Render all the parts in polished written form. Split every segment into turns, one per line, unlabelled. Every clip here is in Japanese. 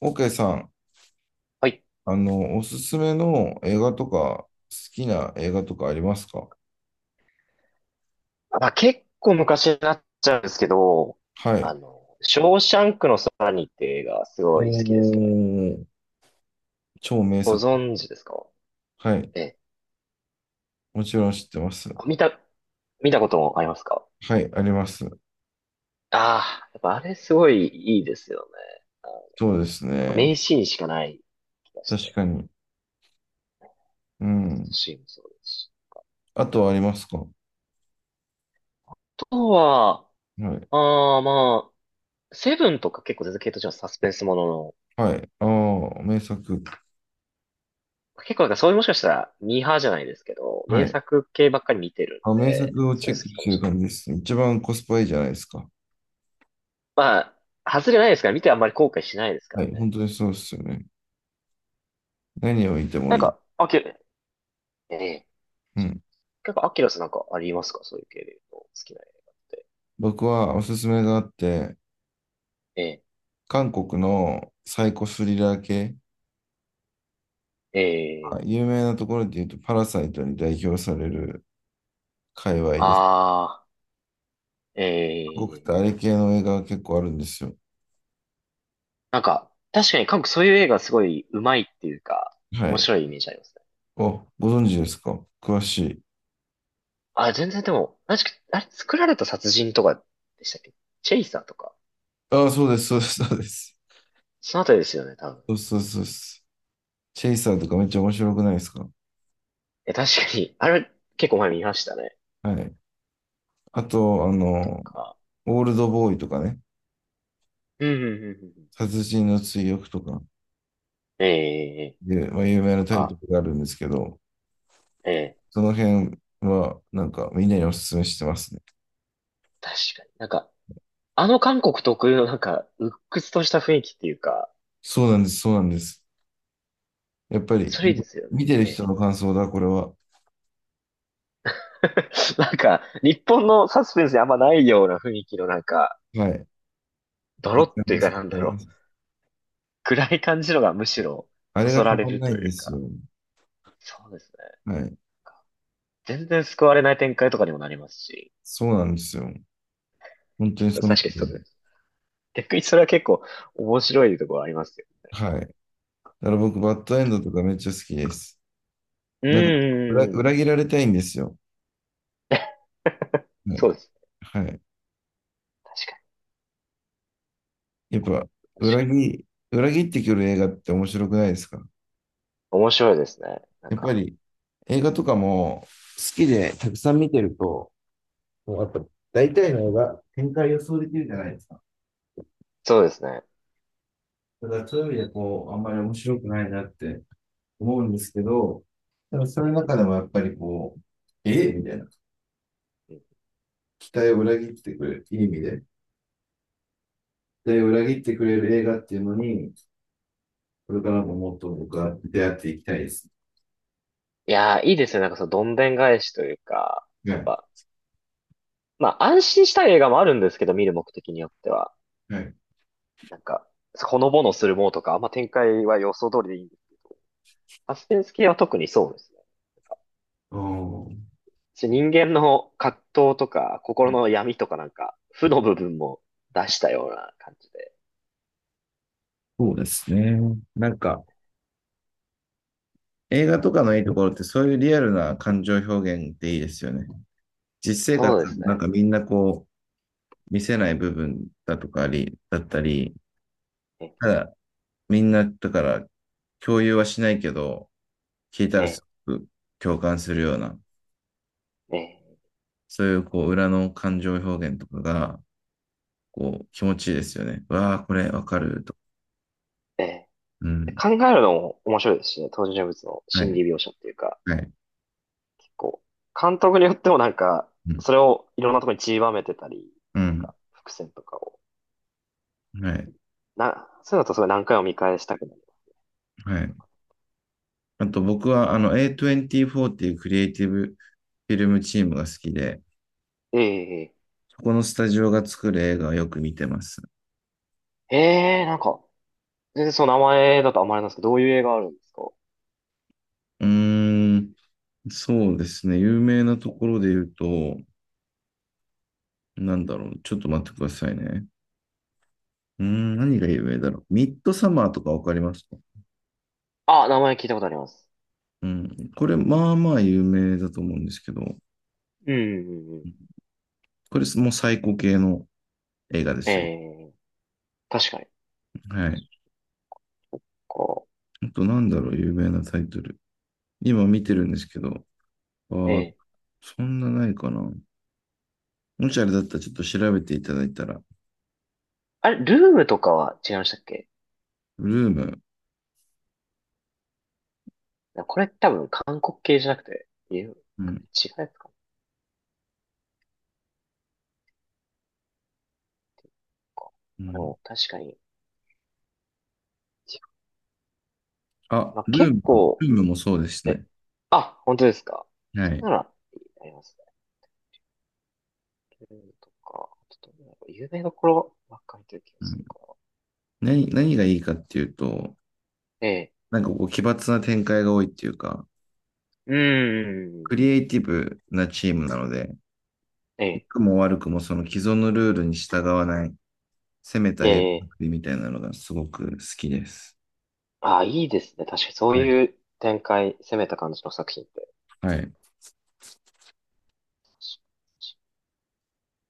オーケーさん、
はい。
おすすめの映画とか、好きな映画とかありますか？
まあ、結構昔になっちゃうんですけど、
はい。
ショーシャンクの空にって映画すごい好きです
お
ね。
ー、超名
ご
作。
存知ですか？
はい。
ええ。
もちろん知ってます。
あ見た、見たこともありますか？
はい、あります。
ああー、やっぱあれすごいいいですよね。
そうです
なんか
ね。
名シーンしかない気がし
確
て。
かに。うん。
シーンもそうですし。
あとはありますか？は
あとは、
い。
まあ、セブンとか結構続けとしてはサスペンスものの、
はい。ああ、名作。
結構なんかそういうもしかしたらミーハーじゃないですけど、
は
名
い。
作系ばっかり見てる
あ、
ん
名
で、
作を
そう
チ
い
ェ
うの
ッ
好
ク
き
し
か
て
も
る
しれない。
感じですね。一番コスパいいじゃないですか。
まあ、外れないですから、見てあんまり後悔しないですか
は
ら
い。
ね。
本当にそうですよね。何を見ても
なん
いい。
か、ええ。
うん。
なんかアキラさんなんかありますか？そういう系で言うと、好きな映画って。
僕はおすすめがあって、
ええ、
韓国のサイコスリラー系、
え
は
え、
い、有名なところで言うと、パラサイトに代表される界隈です。
ああ、え
韓国ってあれ
え。
系の映画が結構あるんですよ。
なんか、確かに韓国そういう映画すごい上手いっていうか、
は
面
い。
白いイメージありますね。
お、ご存知ですか、詳しい。
あ、全然でも、確か、あれ作られた殺人とかでしたっけ？チェイサーとか。
ああ、そうです、そうです、そうです。
そのあたりですよね、多分。
そうそうそうです。チェイサーとかめっちゃ面白くないですか？
え、確かに、あれ結構前見ましたね。
はい。あと、
とか。
オールドボーイとかね、
うん、うん、うん、うん。
殺人の追憶とか
ええ、
で、まあ、有名な
なん
タイト
か、
ルがあるんですけど、
ええ。
その辺はなんかみんなにおすすめしてますね。
確かに。なんか、韓国特有のなんか、鬱屈とした雰囲気っていうか、
そうなんです、そうなんです。やっぱり、
それいいですよね。
見てる
ええ。
人の感想だ、これは。
なんか、日本のサスペンスにあんまないような雰囲気のなんか、
はい。
ドロ
わか
っ
り
てい
ま
う
す、
か
わ
な
か
んだ
りま
ろう。
す。
暗い感じのがむしろ、
あ
そ
れが
そ
た
られ
まん
る
ない
と
んで
いう
す
か。
よ。
そうですね。なん
はい。
か全然救われない展開とかにもなりますし。
そうなんですよ。本当にそ
確か
の通
にそう
り、
です。逆にそれは結構面白いところありますよ。
はい。だから僕、バッドエンドとかめっちゃ好きです。
う
なんか、裏
ー
切
ん。
られたいんですよ。は
そう
い。
です。
はい。
確か
やっぱ、
に。確
裏
かに。
切、裏切ってくる映画って面白くないですか？
面白いですね。なん
やっぱ
か、
り、映画とかも好きでたくさん見てると、もうやっぱ大体の映画、展開予想できるじゃないですか。
そうですね。
だからそういう意味でこう、あんまり面白くないなって思うんですけど、でもそ
え
れの
え、
中でもやっぱりこう、ええみたいな。期待を裏切ってくれる、いい意味で。期待を裏切ってくれる映画っていうのに、これからももっと僕は出会っていきたいです。
いやー、いいですね。なんかそのどんでん返しというか、
は
やっ
い。
ぱ、まあ安心したい映画もあるんですけど、見る目的によっては。
はい。
なんか、ほのぼのするものとか、あんま展開は予想通りでいいんです。サスペンス系は特にそうですね。し人間の葛藤とか、心の闇とかなんか、負の部分も出したような感じで。
そうですね。なんか、映画とかのいいところってそういうリアルな感情表現っていいですよね。実生活、
そうです
なん
ね。
かみんなこう、見せない部分だとかあり、だったり、
え、
ただ、みんな、だから、共有はしないけど、聞いた
え、
らすごく共感するような、
え、
そういう、こう、裏の感情表現とかが、こう、気持ちいいですよね。わあ、これわかると。
え。え
うん。
考えるのも面白いですしね。登場人物の
は
心
い。
理描写っていうか。
はい。
こう、監督によってもなんか、
うん。
それをいろんなところに散りばめてたり、
う
なん
ん。
か、伏線とかを、
はい。
そういうのとすごい何回も見返したくなる。
はい。あと、僕は、A24 っていうクリエイティブフィルムチームが好きで、
ええ、
そこのスタジオが作る映画をよく見てます。
ええ、なんか、全然その名前だとあんまりなんですけど、どういう映画あるんですか？
うーん。そうですね。有名なところで言うと、なんだろう。ちょっと待ってくださいね。うーん、何が有名だろう。ミッドサマーとかわかりますか？
あ、名前聞いたことあります。
うん。これ、まあまあ有名だと思うんですけど、
うん、うん、うん。
これもう最高系の映画で
え
すよ。
え、確かに。
はい。
こ
あと、なんだろう、有名なタイトル。今見てるんですけど、あ
う、
ー、
ええ、
そんなないかな。もしあれだったらちょっと調べていただいたら、
あれ、ルームとかは違いましたっけ？
ルーム。
これ多分韓国系じゃなくて、いう違う
うん。
やつか
う
な。あ
ん、
の、確かに。
あ、
まあ、
ルー
結
ム、
構、
ルームもそうです
え、
ね。
あ、本当ですか？
は
それ
い。
なら、ありますね。ルールとか、ちょっとなんか有名どころばっかりという気が
う
す
ん、
るから。
何がいいかっていうと、
ええ。
なんかこう奇抜な展開が多いっていうか、
うー
ク
ん。
リエイティブなチームなので、
え
良
え。
くも悪くもその既存のルールに従わない、攻めた
え
映画
え。
作りみたいなのがすごく好きです。
あ、いいですね。確かにそう
はい。
いう展開、攻めた感じの作品って。
はい。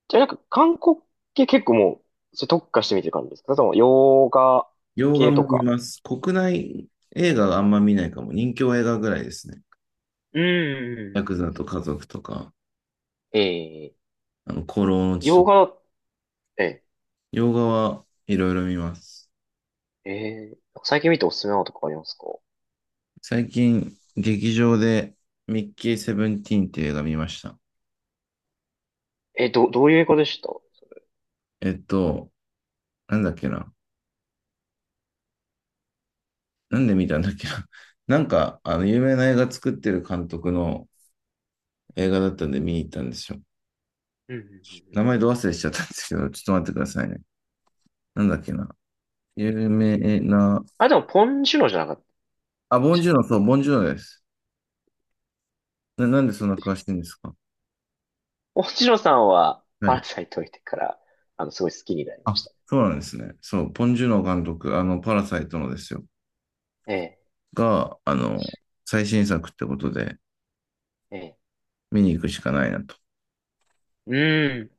じゃあなんか韓国系結構もう、それ特化してみてる感じですか？それとも洋画
洋画
系と
も見
か。
ます。国内映画があんま見ないかも。人気映画ぐらいですね。
うーん。
ヤ
う
ク
ん
ザ
うんう
と
ん、
家族とか、
ええ。
孤狼の血と
洋
か。
画、ええ。
洋画はいろいろ見ます。
ええ。最近見ておすすめなのとかありますか？
最近、劇場でミッキーセブンティーンっていう映画見ました。
え、どういう映画でした？
えっと、なんだっけな。なんで見たんだっけな。なんか、有名な映画作ってる監督の映画だったんで見に行ったんですよ。
うん、うん、うん、う
名
ん、
前ど忘れしちゃったんですけど、ちょっと待ってくださいね。なんだっけな。有名な、
あ、でも、ポンジュノじゃなかった。
あ、ボンジューノ、そう、ボンジューノです。なんでそんな詳しいんですか？
ポンジュノさんは、
は
パ
い。
ラサイト見てから、あの、すごい好きになりま
あ、
した
そうなんですね。そう、ボンジューノ監督、パラサイトのですよ。
ね。
が、最新作ってことで、
ええ、ええ。
見に行くしかないなと。
うん。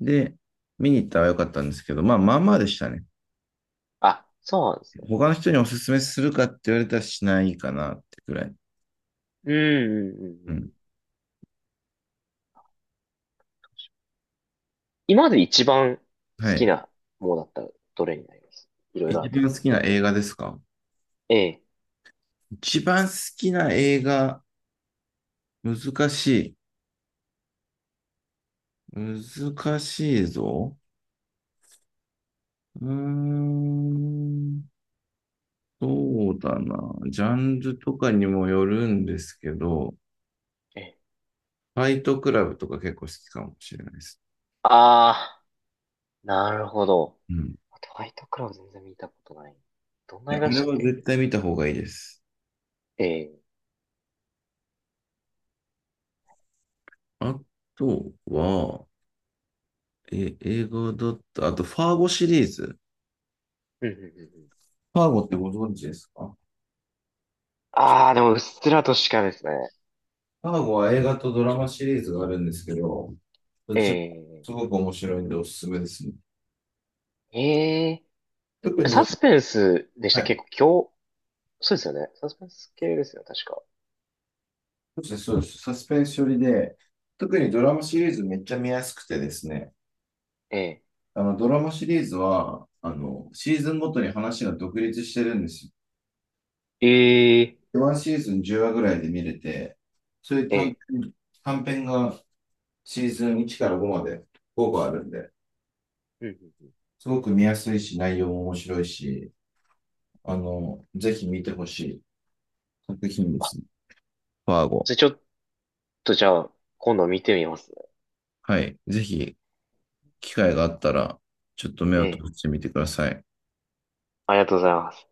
で、見に行ったらよかったんですけど、まあ、まあまあでしたね。
あ、そうなんですね。
他の人におすすめするかって言われたらしないかなってくらい。
うん、うん、うん。う
う
ん、
ん。
今まで一番好
は
き
い。
なものだったら、どれになります？いろいろあ
一
ると思う
番
ん
好
です
き
け
な
ど。
映画ですか？
ええ、
一番好きな映画、難しい。難しいぞ。うーん。そうだな。ジャンルとかにもよるんですけど、
ええ。
ファイトクラブとか結構好きかもしれないです。
ああ、なるほど。
うん。
トワイトクラブ全然見たことない。どん
い
な映
や、
画
あ
でし
れ
たっ
は
け？
絶対見た方がいいです。
ええ、
あとは、え、映画だった。あと、ファーゴシリーズ。
うん、うん、うん。うん、
パーゴってご存知ですか？
ああ、でも、うっすらとしかですね。
パーゴは映画とドラマシリーズがあるんですけど、どっ
え
ちも
え、
すごく面白いんでおすすめですね。
ええ。
特
サ
に、
スペンスでし
は
た。
い、
結構今日、そうですよね。サスペンス系ですよ、確か。
そうです、そうです、サスペンス寄りで、特にドラマシリーズめっちゃ見やすくてですね、
ええ。
あのドラマシリーズはあのシーズンごとに話が独立してるんですよ。
ええ。
ワンシーズン10話ぐらいで見れて、そういう
ええ。
短編がシーズン1から5までご個あるんで、
うんうんうん。
すごく見やすいし、内容も面白いし、ぜひ見てほしい作品です。ファーゴ。
じゃあちょっとじゃあ、今度見てみますね。
はい。ぜひ、機会があったら、ちょっと目
え
を
え。
閉してみてください。
ありがとうございます。